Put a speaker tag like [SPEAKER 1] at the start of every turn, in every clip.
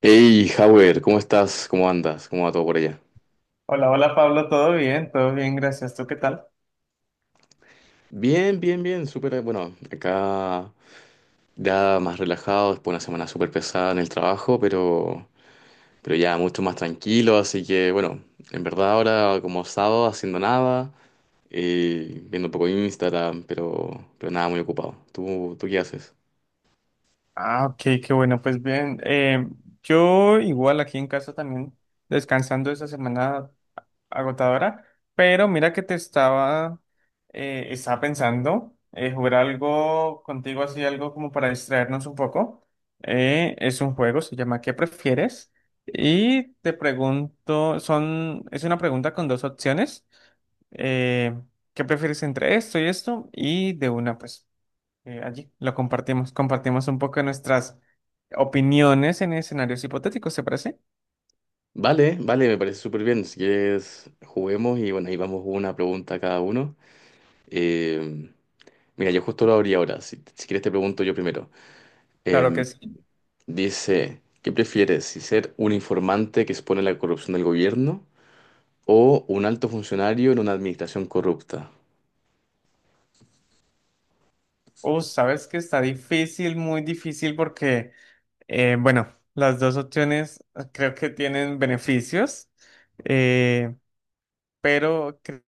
[SPEAKER 1] Hey, Howard, ¿cómo estás? ¿Cómo andas? ¿Cómo va todo por allá?
[SPEAKER 2] Hola, hola Pablo, todo bien, gracias. ¿Tú qué tal?
[SPEAKER 1] Bien, bien, bien, súper, bueno, acá ya más relajado, después de una semana súper pesada en el trabajo, pero ya mucho más tranquilo, así que bueno, en verdad ahora como sábado haciendo nada, viendo un poco Instagram, pero nada, muy ocupado. ¿Tú qué haces?
[SPEAKER 2] Ah, ok, qué bueno, pues bien. Yo igual aquí en casa también descansando esa semana agotadora, pero mira que estaba pensando jugar algo contigo así, algo como para distraernos un poco. Es un juego, se llama ¿Qué prefieres? Y te pregunto, es una pregunta con dos opciones. Eh, ¿Qué prefieres entre esto y esto? Y de una, pues. Allí lo compartimos un poco nuestras opiniones en escenarios hipotéticos, ¿se parece?
[SPEAKER 1] Vale, vale, me parece súper bien, si quieres juguemos y bueno, ahí vamos una pregunta a cada uno. Eh, Mira, yo justo lo abrí ahora, si quieres te pregunto yo primero.
[SPEAKER 2] Claro
[SPEAKER 1] Em,
[SPEAKER 2] que sí.
[SPEAKER 1] Dice, ¿qué prefieres? ¿Si ser un informante que expone la corrupción del gobierno o un alto funcionario en una administración corrupta?
[SPEAKER 2] Sabes que está difícil, muy difícil porque, bueno, las dos opciones creo que tienen beneficios, eh, pero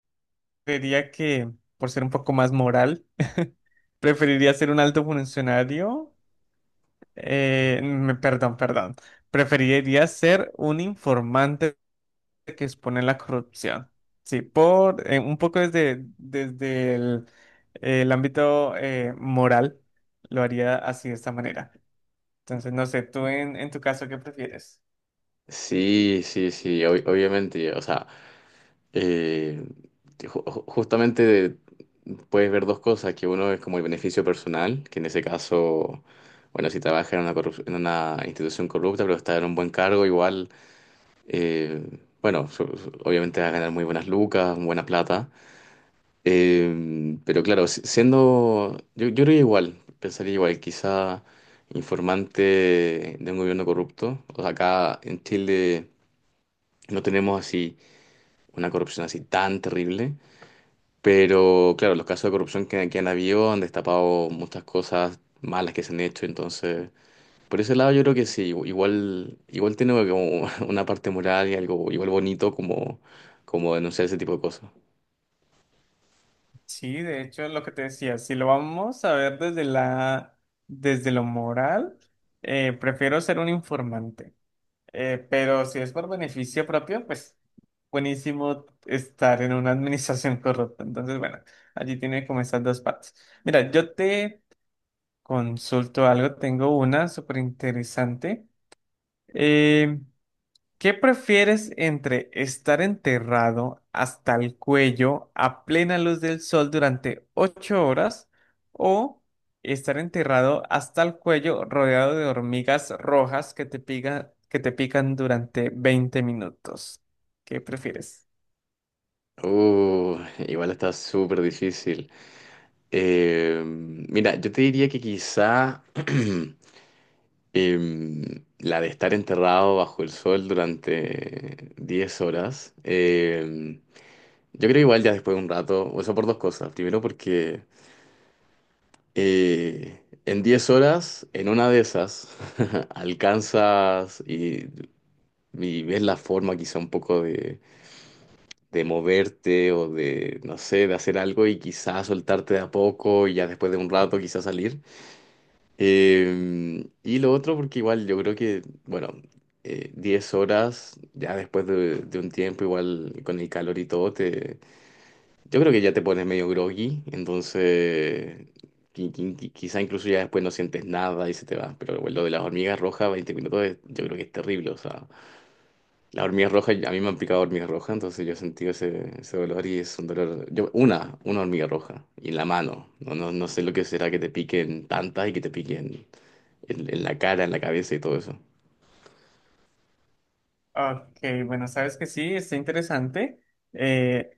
[SPEAKER 2] creería que por ser un poco más moral, preferiría ser un alto funcionario, perdón, perdón, preferiría ser un informante que expone la corrupción. Sí, por un poco desde el ámbito moral, lo haría así de esta manera. Entonces, no sé, tú en tu caso, ¿qué prefieres?
[SPEAKER 1] Sí, sí, sí, obviamente, o sea, eh, justamente puedes ver dos cosas, que uno es como el beneficio personal, que en ese caso, bueno, si trabajas en una institución corrupta, pero estás en un buen cargo, igual, eh, bueno, obviamente vas a ganar muy buenas lucas, buena plata. Pero claro, siendo, yo creo que igual, pensaría igual, quizá informante de un gobierno corrupto. O sea, acá en Chile no tenemos así una corrupción así tan terrible, pero claro, los casos de corrupción que han habido han destapado muchas cosas malas que se han hecho, entonces, por ese lado yo creo que sí, igual tiene como una parte moral y algo igual bonito como denunciar ese tipo de cosas.
[SPEAKER 2] Sí, de hecho, lo que te decía, si lo vamos a ver desde lo moral, prefiero ser un informante. Pero si es por beneficio propio, pues buenísimo estar en una administración corrupta. Entonces, bueno, allí tiene como esas dos partes. Mira, yo te consulto algo, tengo una súper interesante. Eh, ¿Qué prefieres entre estar enterrado hasta el cuello a plena luz del sol durante 8 horas o estar enterrado hasta el cuello rodeado de hormigas rojas que te pican durante 20 minutos? ¿Qué prefieres?
[SPEAKER 1] Uh, Igual está súper difícil. Mira, yo te diría que quizá la de estar enterrado bajo el sol durante 10 horas, yo creo igual ya después de un rato, o sea, por dos cosas. Primero porque en 10 horas, en una de esas, alcanzas y ves la forma quizá un poco de moverte o de, no sé, de hacer algo y quizá soltarte de a poco y ya después de un rato quizá salir. Y lo otro, porque igual yo creo que, bueno, 10 horas, ya después de un tiempo, igual con el calor y todo, te, yo creo que ya te pones medio groggy, entonces quizá incluso ya después no sientes nada y se te va. Pero bueno, lo de las hormigas rojas, 20 minutos, yo creo que es terrible. O sea, las hormigas rojas, a mí me han picado hormigas rojas, entonces yo he sentido ese dolor y es un dolor. Yo, una hormiga roja, y en la mano. No, no, no sé lo que será que te piquen tantas y que te piquen en la cara, en la cabeza y todo eso.
[SPEAKER 2] Ok, bueno, sabes que sí, está interesante. Eh,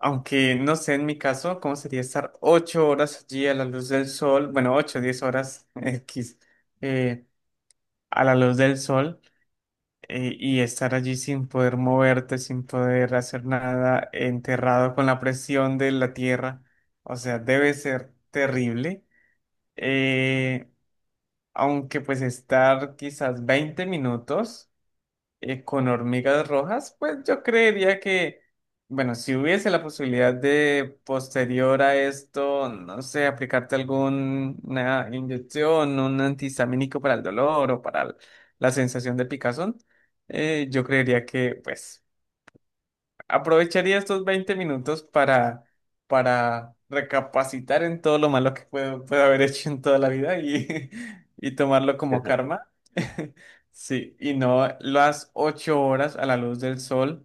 [SPEAKER 2] Aunque no sé en mi caso cómo sería estar 8 horas allí a la luz del sol, bueno, ocho, 10 horas X eh, a la luz del sol y estar allí sin poder moverte, sin poder hacer nada, enterrado con la presión de la tierra. O sea, debe ser terrible. Eh, Aunque pues estar quizás 20 minutos con hormigas rojas, pues yo creería que, bueno, si hubiese la posibilidad de posterior a esto, no sé, aplicarte alguna inyección, un antihistamínico para el dolor o para la sensación de picazón, yo creería que, pues, aprovecharía estos 20 minutos para recapacitar en todo lo malo que puedo haber hecho en toda la vida y, y tomarlo como karma. Sí, y no las 8 horas a la luz del sol,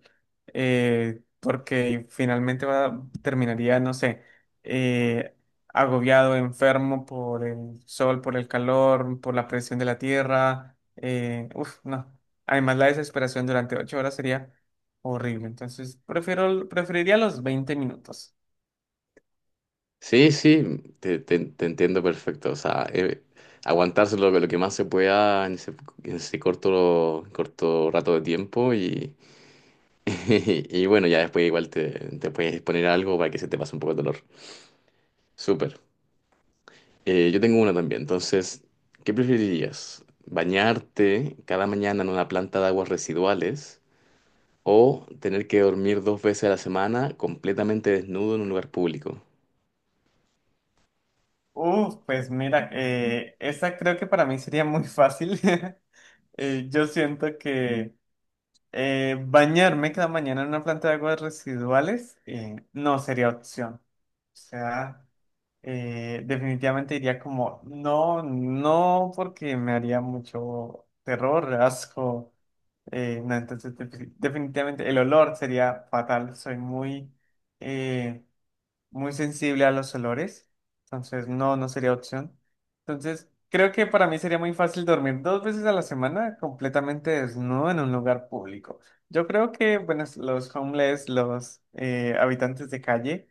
[SPEAKER 2] porque finalmente terminaría, no sé, eh, agobiado, enfermo por el sol, por el calor, por la presión de la tierra. Uf, no. Además, la desesperación durante 8 horas sería horrible, entonces preferiría los 20 minutos.
[SPEAKER 1] Sí, sí, te entiendo perfecto. O sea, aguantarse lo que más se pueda en ese corto rato de tiempo y, y bueno, ya después igual te puedes poner algo para que se te pase un poco el dolor. Súper. Yo tengo una también. Entonces, ¿qué preferirías? ¿Bañarte cada mañana en una planta de aguas residuales o tener que dormir dos veces a la semana completamente desnudo en un lugar público?
[SPEAKER 2] Uf, pues mira, esa creo que para mí sería muy fácil. Yo siento que bañarme cada mañana en una planta de aguas residuales no sería opción. O sea, definitivamente diría como, no, no, porque me haría mucho terror, asco. No, entonces definitivamente el olor sería fatal. Soy eh, muy sensible a los olores, entonces no, no sería opción. Entonces, creo que para mí sería muy fácil dormir dos veces a la semana completamente desnudo en un lugar público. Yo creo que, bueno, los habitantes de calle,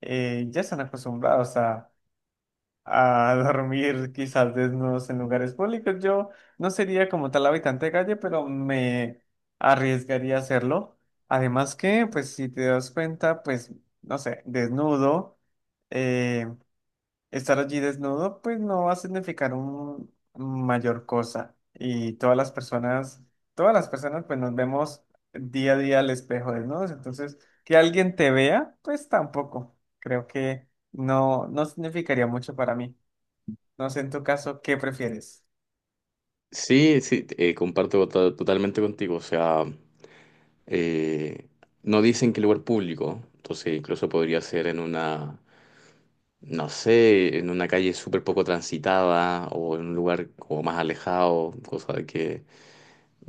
[SPEAKER 2] ya están acostumbrados a dormir quizás desnudos en lugares públicos. Yo no sería como tal habitante de calle, pero me arriesgaría a hacerlo. Además que, pues si te das cuenta, pues, no sé, desnudo, eh, estar allí desnudo, pues no va a significar un mayor cosa. Y todas las personas, pues nos vemos día a día al espejo desnudos. Entonces, que alguien te vea, pues tampoco. Creo que no, no significaría mucho para mí. No sé en tu caso, ¿qué prefieres?
[SPEAKER 1] Sí, sí, comparto totalmente contigo. O sea, eh, no dicen que lugar público, entonces incluso podría ser en una, no sé, en una calle súper poco transitada o en un lugar como más alejado, cosa de que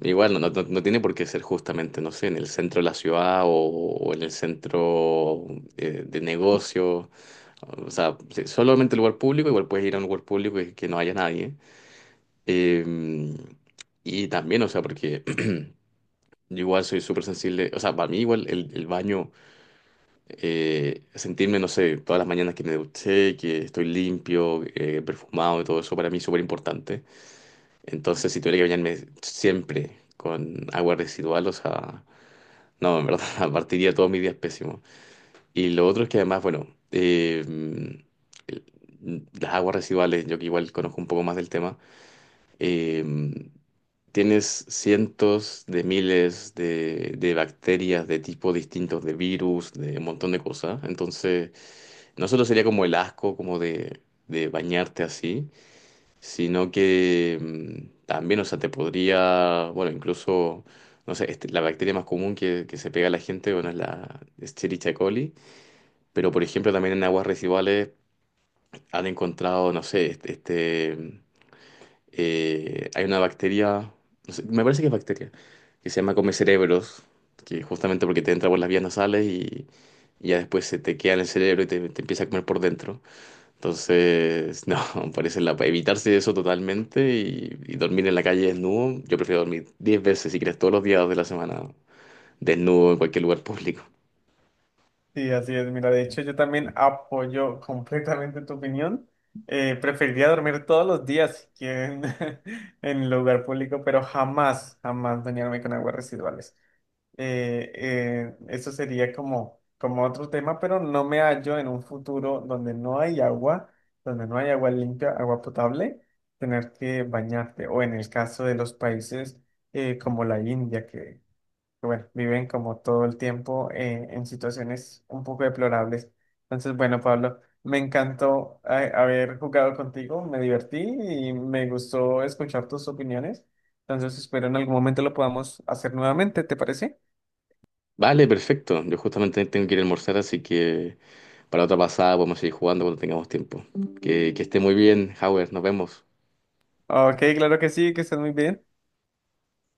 [SPEAKER 1] igual no tiene por qué ser justamente, no sé, en el centro de la ciudad o en el centro de negocio. O sea, solamente lugar público, igual puedes ir a un lugar público y que no haya nadie. Em, y también, o sea, porque yo igual soy súper sensible, o sea, para mí igual el baño, sentirme, no sé, todas las mañanas que me duché, que estoy limpio, perfumado y todo eso, para mí es súper importante. Entonces, si tuviera que bañarme siempre con agua residual, o sea, no, en verdad, partiría todos mis días pésimos. Y lo otro es que además, bueno, eh, el- las aguas residuales, yo que igual conozco un poco más del tema, em, tienes cientos de miles de bacterias de tipos distintos, de virus, de un montón de cosas. Entonces, no solo sería como el asco, como de bañarte así, sino que también, o sea, te podría, bueno, incluso, no sé, este, la bacteria más común que se pega a la gente, bueno, es la Escherichia coli, pero por ejemplo también en aguas residuales han encontrado, no sé, hay una bacteria, no sé, me parece que es bacteria, que se llama come cerebros, que justamente porque te entra por las vías nasales y ya después se te queda en el cerebro y te empieza a comer por dentro. Entonces, no, parece la, evitarse eso totalmente y dormir en la calle desnudo. Yo prefiero dormir 10 veces, si quieres, todos los días de la semana desnudo en cualquier lugar público.
[SPEAKER 2] Sí, así es. Mira, de hecho, yo también apoyo completamente tu opinión. Preferiría dormir todos los días, si quieren, en el lugar público, pero jamás, jamás bañarme con aguas residuales. Eso sería como, como otro tema, pero no me hallo en un futuro donde no hay agua, donde no hay agua limpia, agua potable, tener que bañarte. O en el caso de los países como la India, que, bueno, viven como todo el tiempo en situaciones un poco deplorables. Entonces, bueno, Pablo, me encantó haber jugado contigo, me divertí y me gustó escuchar tus opiniones. Entonces, espero en algún momento lo podamos hacer nuevamente, ¿te parece?
[SPEAKER 1] Vale, perfecto. Yo justamente tengo que ir a almorzar, así que para otra pasada podemos seguir jugando cuando tengamos tiempo. Que esté muy bien, Howard. Nos vemos.
[SPEAKER 2] Ok, claro que sí, que estés muy bien.